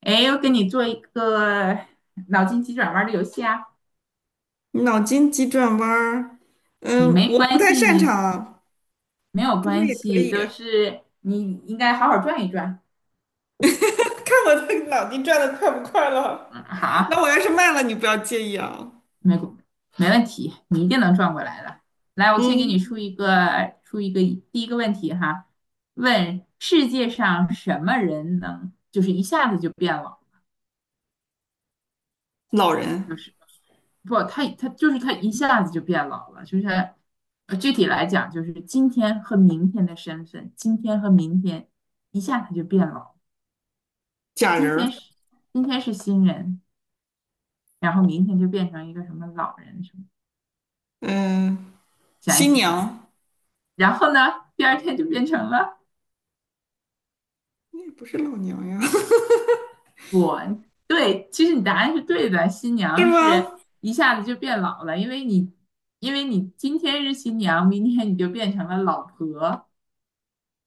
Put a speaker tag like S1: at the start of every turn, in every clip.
S1: 哎，我给你做一个脑筋急转弯的游戏啊！
S2: 脑筋急转弯儿，
S1: 你
S2: 嗯，
S1: 没
S2: 我不
S1: 关
S2: 太
S1: 系，
S2: 擅
S1: 你
S2: 长，
S1: 没有
S2: 不过
S1: 关
S2: 也可
S1: 系，
S2: 以。
S1: 都是你应该好好转一转。
S2: 看我的脑筋转的快不快了？
S1: 嗯，好
S2: 那我
S1: 啊，
S2: 要是慢了，你不要介意啊。
S1: 没没问题，你一定能转过来的。来，我先给你
S2: 嗯，
S1: 出一个第一个问题哈，问世界上什么人能就是一下子就变了，
S2: 老人、
S1: 就是不，他就是他一下子就变老了，就是他具体来讲，就是今天和明天的身份，今天和明天一下他就变老，
S2: 假
S1: 今
S2: 人
S1: 天
S2: 儿，
S1: 是今天是新人，然后明天就变成一个什么老人什么，
S2: 嗯，
S1: 想一
S2: 新
S1: 想，
S2: 娘，
S1: 然后呢，第二天就变成了
S2: 那也不是老娘呀，
S1: 我，对，其实你答案是对的，新
S2: 是
S1: 娘是
S2: 吗？
S1: 一下子就变老了，因为你今天是新娘，明天你就变成了老婆，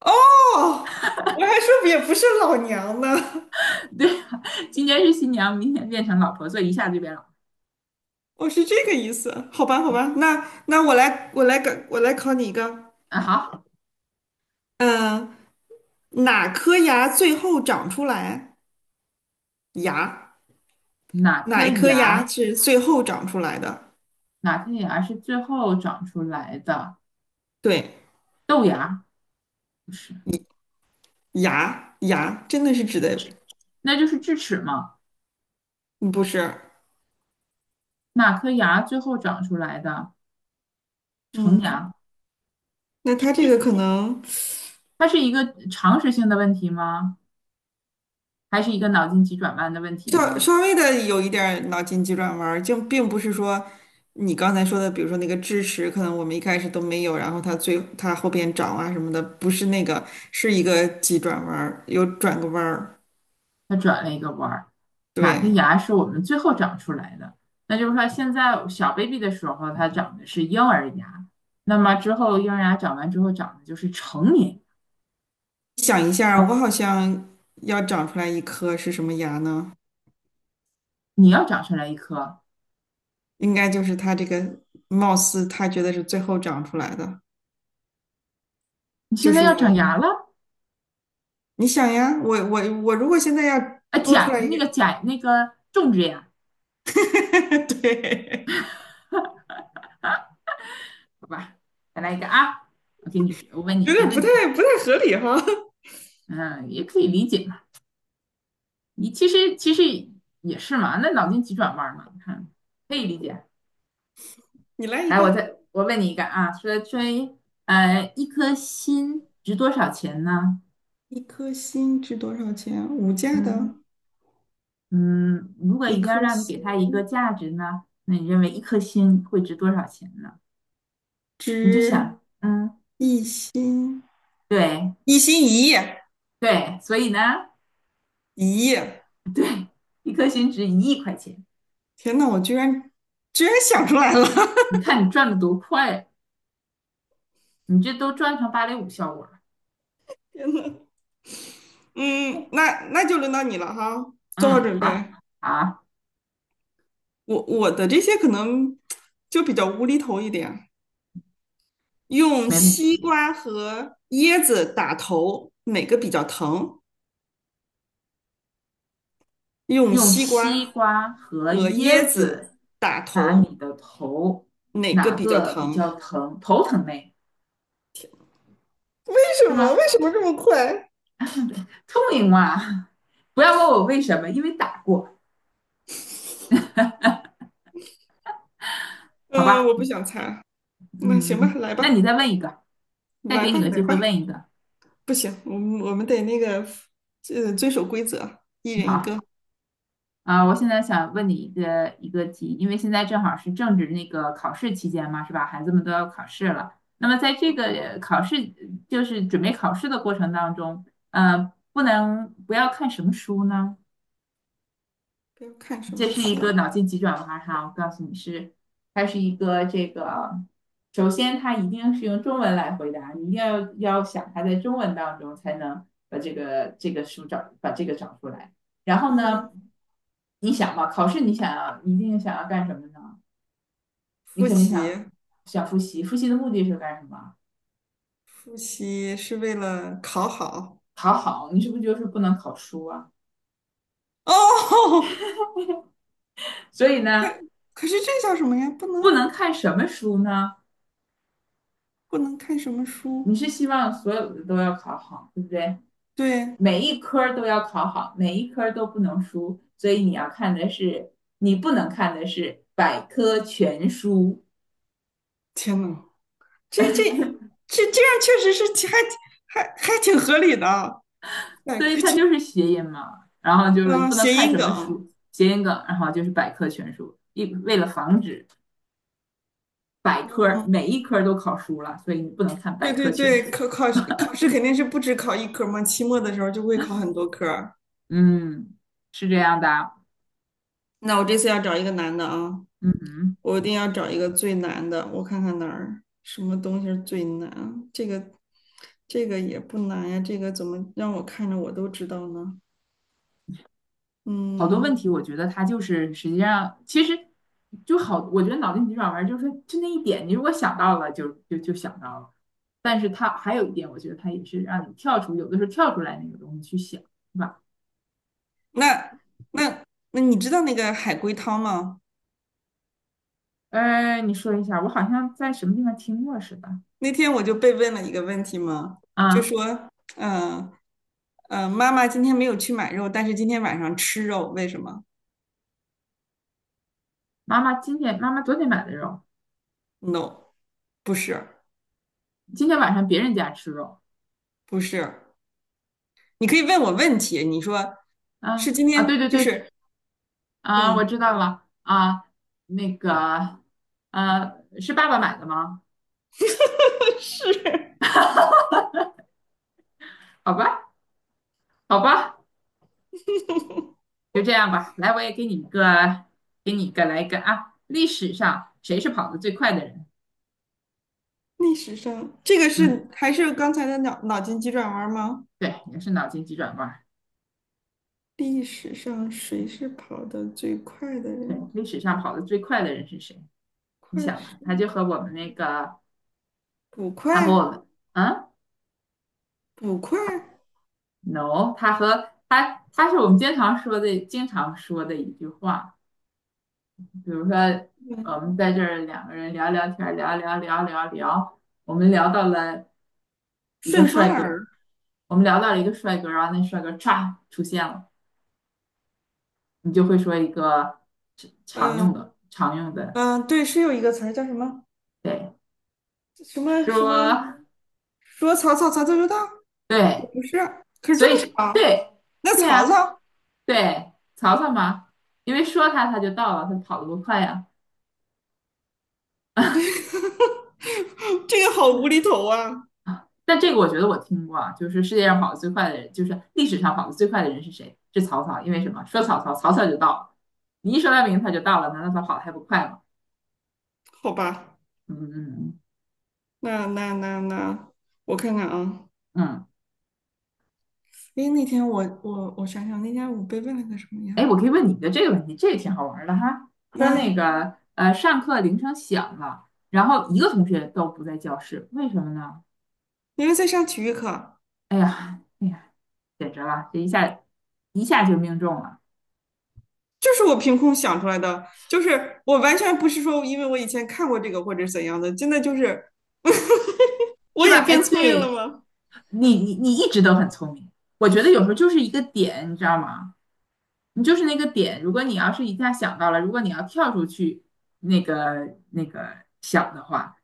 S2: 哦，我还说也不是老娘呢，
S1: 对啊，今天是新娘，明天变成老婆，所以一下就变老。
S2: 我是这个意思。好吧，好吧，那我来考你一个。
S1: 啊，好，
S2: 嗯，哪颗牙最后长出来？牙。
S1: 哪
S2: 哪
S1: 颗
S2: 一颗牙
S1: 牙？
S2: 是最后长出来的？
S1: 哪颗牙是最后长出来的？
S2: 对，
S1: 豆芽不是，
S2: 牙真的是指的，
S1: 那就是智齿嘛。
S2: 嗯，不是？
S1: 哪颗牙最后长出来的？成
S2: 嗯，
S1: 牙。
S2: 那他这个可能
S1: 它是一个常识性的问题吗？还是一个脑筋急转弯的问题
S2: 稍
S1: 呢？
S2: 稍微的有一点儿脑筋急转弯儿，就并不是说你刚才说的，比如说那个智齿，可能我们一开始都没有，然后它后边长啊什么的，不是那个，是一个急转弯儿，有转个弯儿。
S1: 它转了一个弯儿。哪
S2: 对，
S1: 个牙是我们最后长出来的？那就是说，现在小 baby 的时候，它长的是婴儿牙，那么之后婴儿牙长完之后长的就是成年。
S2: 想一下我
S1: 说
S2: 好像要长出来一颗是什么牙呢？
S1: 你要长出来一颗，
S2: 应该就是他这个貌似他觉得是最后长出来的，
S1: 你
S2: 就
S1: 现在
S2: 是
S1: 要长
S2: 我，
S1: 牙了
S2: 你想呀，我如果现在要
S1: 啊，
S2: 多出
S1: 假
S2: 来一个，
S1: 那个假那个种植牙，
S2: 对，
S1: 好吧，再来一个啊，我问你
S2: 有
S1: 一个
S2: 点不
S1: 问
S2: 太
S1: 题，
S2: 不太合理哈，
S1: 嗯，也可以理解嘛，你其实也是嘛，那脑筋急转弯嘛，你看可以理解。
S2: 你来一
S1: 来，
S2: 个。
S1: 我问你一个啊，说一颗心值多少钱呢？
S2: 一颗心值多少钱？五价的，
S1: 嗯嗯，如果
S2: 一
S1: 一定要
S2: 颗
S1: 让你给他一个
S2: 心
S1: 价值呢，那你认为一颗心会值多少钱呢？你就
S2: 值
S1: 想，嗯，
S2: 一心，
S1: 对。
S2: 一心一意，
S1: 对，所以呢，
S2: 1亿。
S1: 对，一颗星值一亿块钱，
S2: 天呐，我居然想出来了，
S1: 你看你赚的多快，你这都赚成芭蕾舞效果了。
S2: 天呐，嗯，那就轮到你了哈，做好
S1: 嗯，
S2: 准备。
S1: 好，好，
S2: 我的这些可能就比较无厘头一点，用
S1: 没问
S2: 西
S1: 题。
S2: 瓜和椰子打头，哪个比较疼？用
S1: 用
S2: 西瓜
S1: 西瓜和
S2: 和椰
S1: 椰
S2: 子
S1: 子
S2: 打
S1: 打你
S2: 头，
S1: 的头，
S2: 哪个
S1: 哪
S2: 比较
S1: 个比
S2: 疼？
S1: 较疼？头疼嘞，
S2: 为什
S1: 是
S2: 么？
S1: 吗？
S2: 为什么这么快？
S1: 聪明嘛，不要问我为什么，因为打过，好
S2: 嗯，我
S1: 吧？
S2: 不想猜。那行吧，
S1: 嗯，
S2: 来
S1: 那你
S2: 吧，
S1: 再问一个，再
S2: 来
S1: 给
S2: 吧，
S1: 你个
S2: 来
S1: 机
S2: 吧。
S1: 会问一个，
S2: 不行，我们得那个，遵守规则，一人一
S1: 好。
S2: 个。
S1: 啊，我现在想问你一个题，因为现在正好是政治那个考试期间嘛，是吧？孩子们都要考试了。那么在这个考试，就是准备考试的过程当中，不要看什么书呢？
S2: 不要看什
S1: 这
S2: 么
S1: 是一
S2: 书。
S1: 个脑筋急转弯哈，我告诉你是，它是一个这个，首先它一定是用中文来回答，你一定要想它在中文当中才能把这个书把这个找出来。然后
S2: 嗯，
S1: 呢，你想嘛，考试你一定想要干什么呢？你
S2: 复
S1: 肯定
S2: 习。
S1: 想复习，复习的目的是干什么？
S2: 复习是为了考好。
S1: 考好，你是不是就是不能考书啊？
S2: 哦，
S1: 所以
S2: 可
S1: 呢，
S2: 可是这叫什么呀？不
S1: 不
S2: 能
S1: 能看什么书呢？
S2: 不能看什么
S1: 你
S2: 书？
S1: 是希望所有的都要考好，对不对？
S2: 对，
S1: 每一科都要考好，每一科都不能输，所以你要看的是，你不能看的是百科全书，
S2: 天呐，这这这样确实是挺还挺合理的。百
S1: 所以
S2: 科
S1: 它
S2: 全。
S1: 就是谐音嘛。然后就是
S2: 啊，
S1: 不能
S2: 谐
S1: 看
S2: 音
S1: 什么
S2: 梗。
S1: 书，谐音梗，然后就是百科全书，一为了防止百科
S2: 嗯，
S1: 每一科都考输了，所以你不能看
S2: 对
S1: 百
S2: 对
S1: 科全
S2: 对，
S1: 书。
S2: 考试肯定是不止考一科嘛，期末的时候就会考很多科儿。
S1: 嗯，是这样的啊。
S2: 那我这次要找一个难的啊。
S1: 嗯哼。
S2: 我一定要找一个最难的，我看看哪儿什么东西是最难。这个也不难呀，这个怎么让我看着我都知道呢？
S1: 好多
S2: 嗯，
S1: 问题，我觉得他就是实际上其实就好，我觉得脑筋急转弯就是就那一点，你如果想到了就想到了。但是它还有一点，我觉得它也是让你跳出，有的时候跳出来那个东西去想，是吧？
S2: 那那那你知道那个海龟汤吗？
S1: 你说一下，我好像在什么地方听过似的
S2: 那天我就被问了一个问题嘛，就
S1: 啊。
S2: 说，嗯、妈妈今天没有去买肉，但是今天晚上吃肉，为什么
S1: 妈妈今天，妈妈昨天买的肉，
S2: ？No,不是，
S1: 今天晚上别人家吃肉。
S2: 不是，你可以问我问题，你说是
S1: 啊
S2: 今
S1: 啊，对
S2: 天
S1: 对
S2: 就
S1: 对，
S2: 是，
S1: 啊，
S2: 嗯
S1: 我知道了啊，那个，呃，是爸爸买的吗？
S2: 是。
S1: 好吧，好吧。就这样吧，来，我也给你一个，给你一个，来一个啊！历史上谁是跑得最快的人？
S2: 历史上，这个
S1: 嗯，
S2: 是还是刚才的脑筋急转弯吗？
S1: 对，也是脑筋急转弯儿。
S2: 历史上谁是跑得最快的
S1: 对，
S2: 人？
S1: 历史上跑得最快的人是谁？你
S2: 快
S1: 想
S2: 是
S1: 吧，他就和我们那个，
S2: 捕
S1: 他和
S2: 快，
S1: 我们，嗯
S2: 捕快，
S1: ，no，他和他，他是我们经常说的，经常说的一句话。比如说，我们在这儿两个人聊聊天儿聊聊聊聊聊，我们聊到了一个
S2: 顺风
S1: 帅哥，
S2: 耳。
S1: 我们聊到了一个帅哥，然后那帅哥歘出现了。你就会说一个常用
S2: 嗯
S1: 的、常用的，
S2: 嗯，对，是有一个词儿叫什么
S1: 对，
S2: 什么什么？
S1: 说
S2: 说曹操，曹操就到，也
S1: 对，
S2: 不是，可是
S1: 所
S2: 这
S1: 以
S2: 么
S1: 是
S2: 长，
S1: 对
S2: 那
S1: 对
S2: 曹
S1: 啊，
S2: 操。
S1: 对，曹操嘛，因为说他他就到了，他跑得多快呀
S2: 这个好无厘头啊。
S1: 啊！但这个我觉得我听过啊，就是世界上跑得最快的人，就是历史上跑得最快的人是谁？是曹操，因为什么？说曹操，曹操就到了，你一说他名字他就到了，难道他跑得还不快吗？
S2: 好吧，
S1: 嗯嗯
S2: 那那那那，我看看啊。
S1: 嗯。
S2: 诶，那天我想想，那天我被问了个什么
S1: 哎，
S2: 呀？
S1: 我可以问你一个这个问题，这个挺好玩儿的哈。说那
S2: 嗯。
S1: 个上课铃声响了，然后一个同学都不在教室，为什么呢？
S2: 因为在上体育课，
S1: 哎呀，哎呀，简直了，这一下就命中了。
S2: 就是我凭空想出来的，就是我完全不是说因为我以前看过这个或者怎样的，真的就是我
S1: 是
S2: 也
S1: 吧？哎，
S2: 变聪明了
S1: 对，
S2: 吗？
S1: 你一直都很聪明，我觉得有时候就是一个点，你知道吗？你就是那个点，如果你要是一下想到了，如果你要跳出去那个想的话，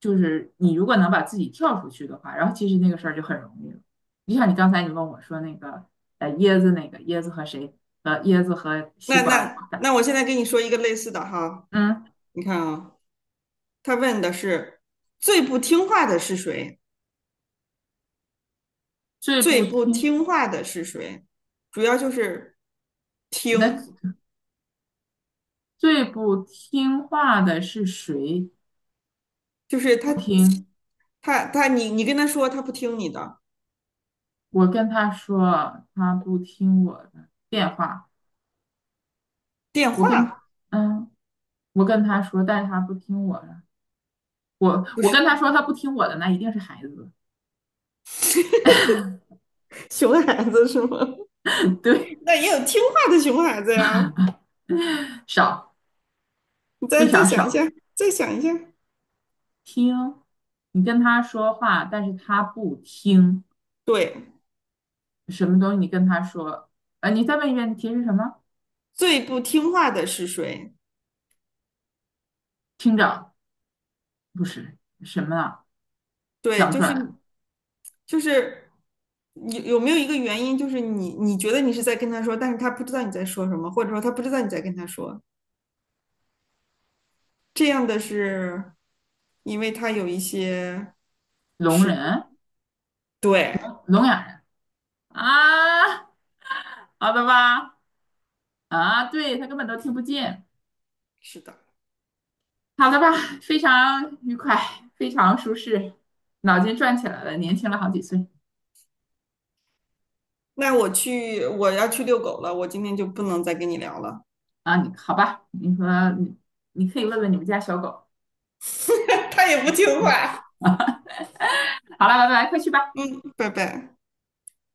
S1: 就是你如果能把自己跳出去的话，然后其实那个事儿就很容易了。就像你刚才你问我说那个椰子那个椰子和谁椰子和西
S2: 那
S1: 瓜
S2: 那
S1: 打，
S2: 那我现在跟你说一个类似的哈，
S1: 嗯，
S2: 你看啊，他问的是最不听话的是谁？
S1: 最
S2: 最
S1: 不
S2: 不
S1: 听
S2: 听话的是谁？主要就是听，
S1: 那最不听话的是谁？
S2: 就是
S1: 不
S2: 他
S1: 听。
S2: 他他你跟他说他不听你的
S1: 我跟他说，他不听我的电话。
S2: 电
S1: 我跟
S2: 话，
S1: 嗯，我跟他说，但是他不听我的。我
S2: 不
S1: 我
S2: 是
S1: 跟他说，他不听我的，那一定是孩子，
S2: 熊孩子是吗？
S1: 对，
S2: 那也有听话的熊孩子呀。
S1: 少，
S2: 你再
S1: 非
S2: 再
S1: 常
S2: 想一
S1: 少。
S2: 下，再想一下。
S1: 听，你跟他说话，但是他不听，
S2: 对，
S1: 什么东西？你跟他说，呃，你再问一遍，你提什么？
S2: 最不听话的是谁？
S1: 听着，不是什么啊？
S2: 对，
S1: 想不
S2: 就
S1: 出
S2: 是
S1: 来。
S2: 就是有没有一个原因，就是你觉得你是在跟他说，但是他不知道你在说什么，或者说他不知道你在跟他说。这样的是，因为他有一些
S1: 聋
S2: 是，
S1: 人，
S2: 对，
S1: 聋哑人啊，好的吧？啊，对，他根本都听不见。
S2: 是的。
S1: 好的吧，非常愉快，非常舒适，脑筋转起来了，年轻了好几岁
S2: 那我去，我要去遛狗了，我今天就不能再跟你聊了。
S1: 啊！你好吧，你说你，你可以问问你们家小狗
S2: 他也不听话。
S1: 啊。好了，拜拜，快去吧。
S2: 嗯，拜拜。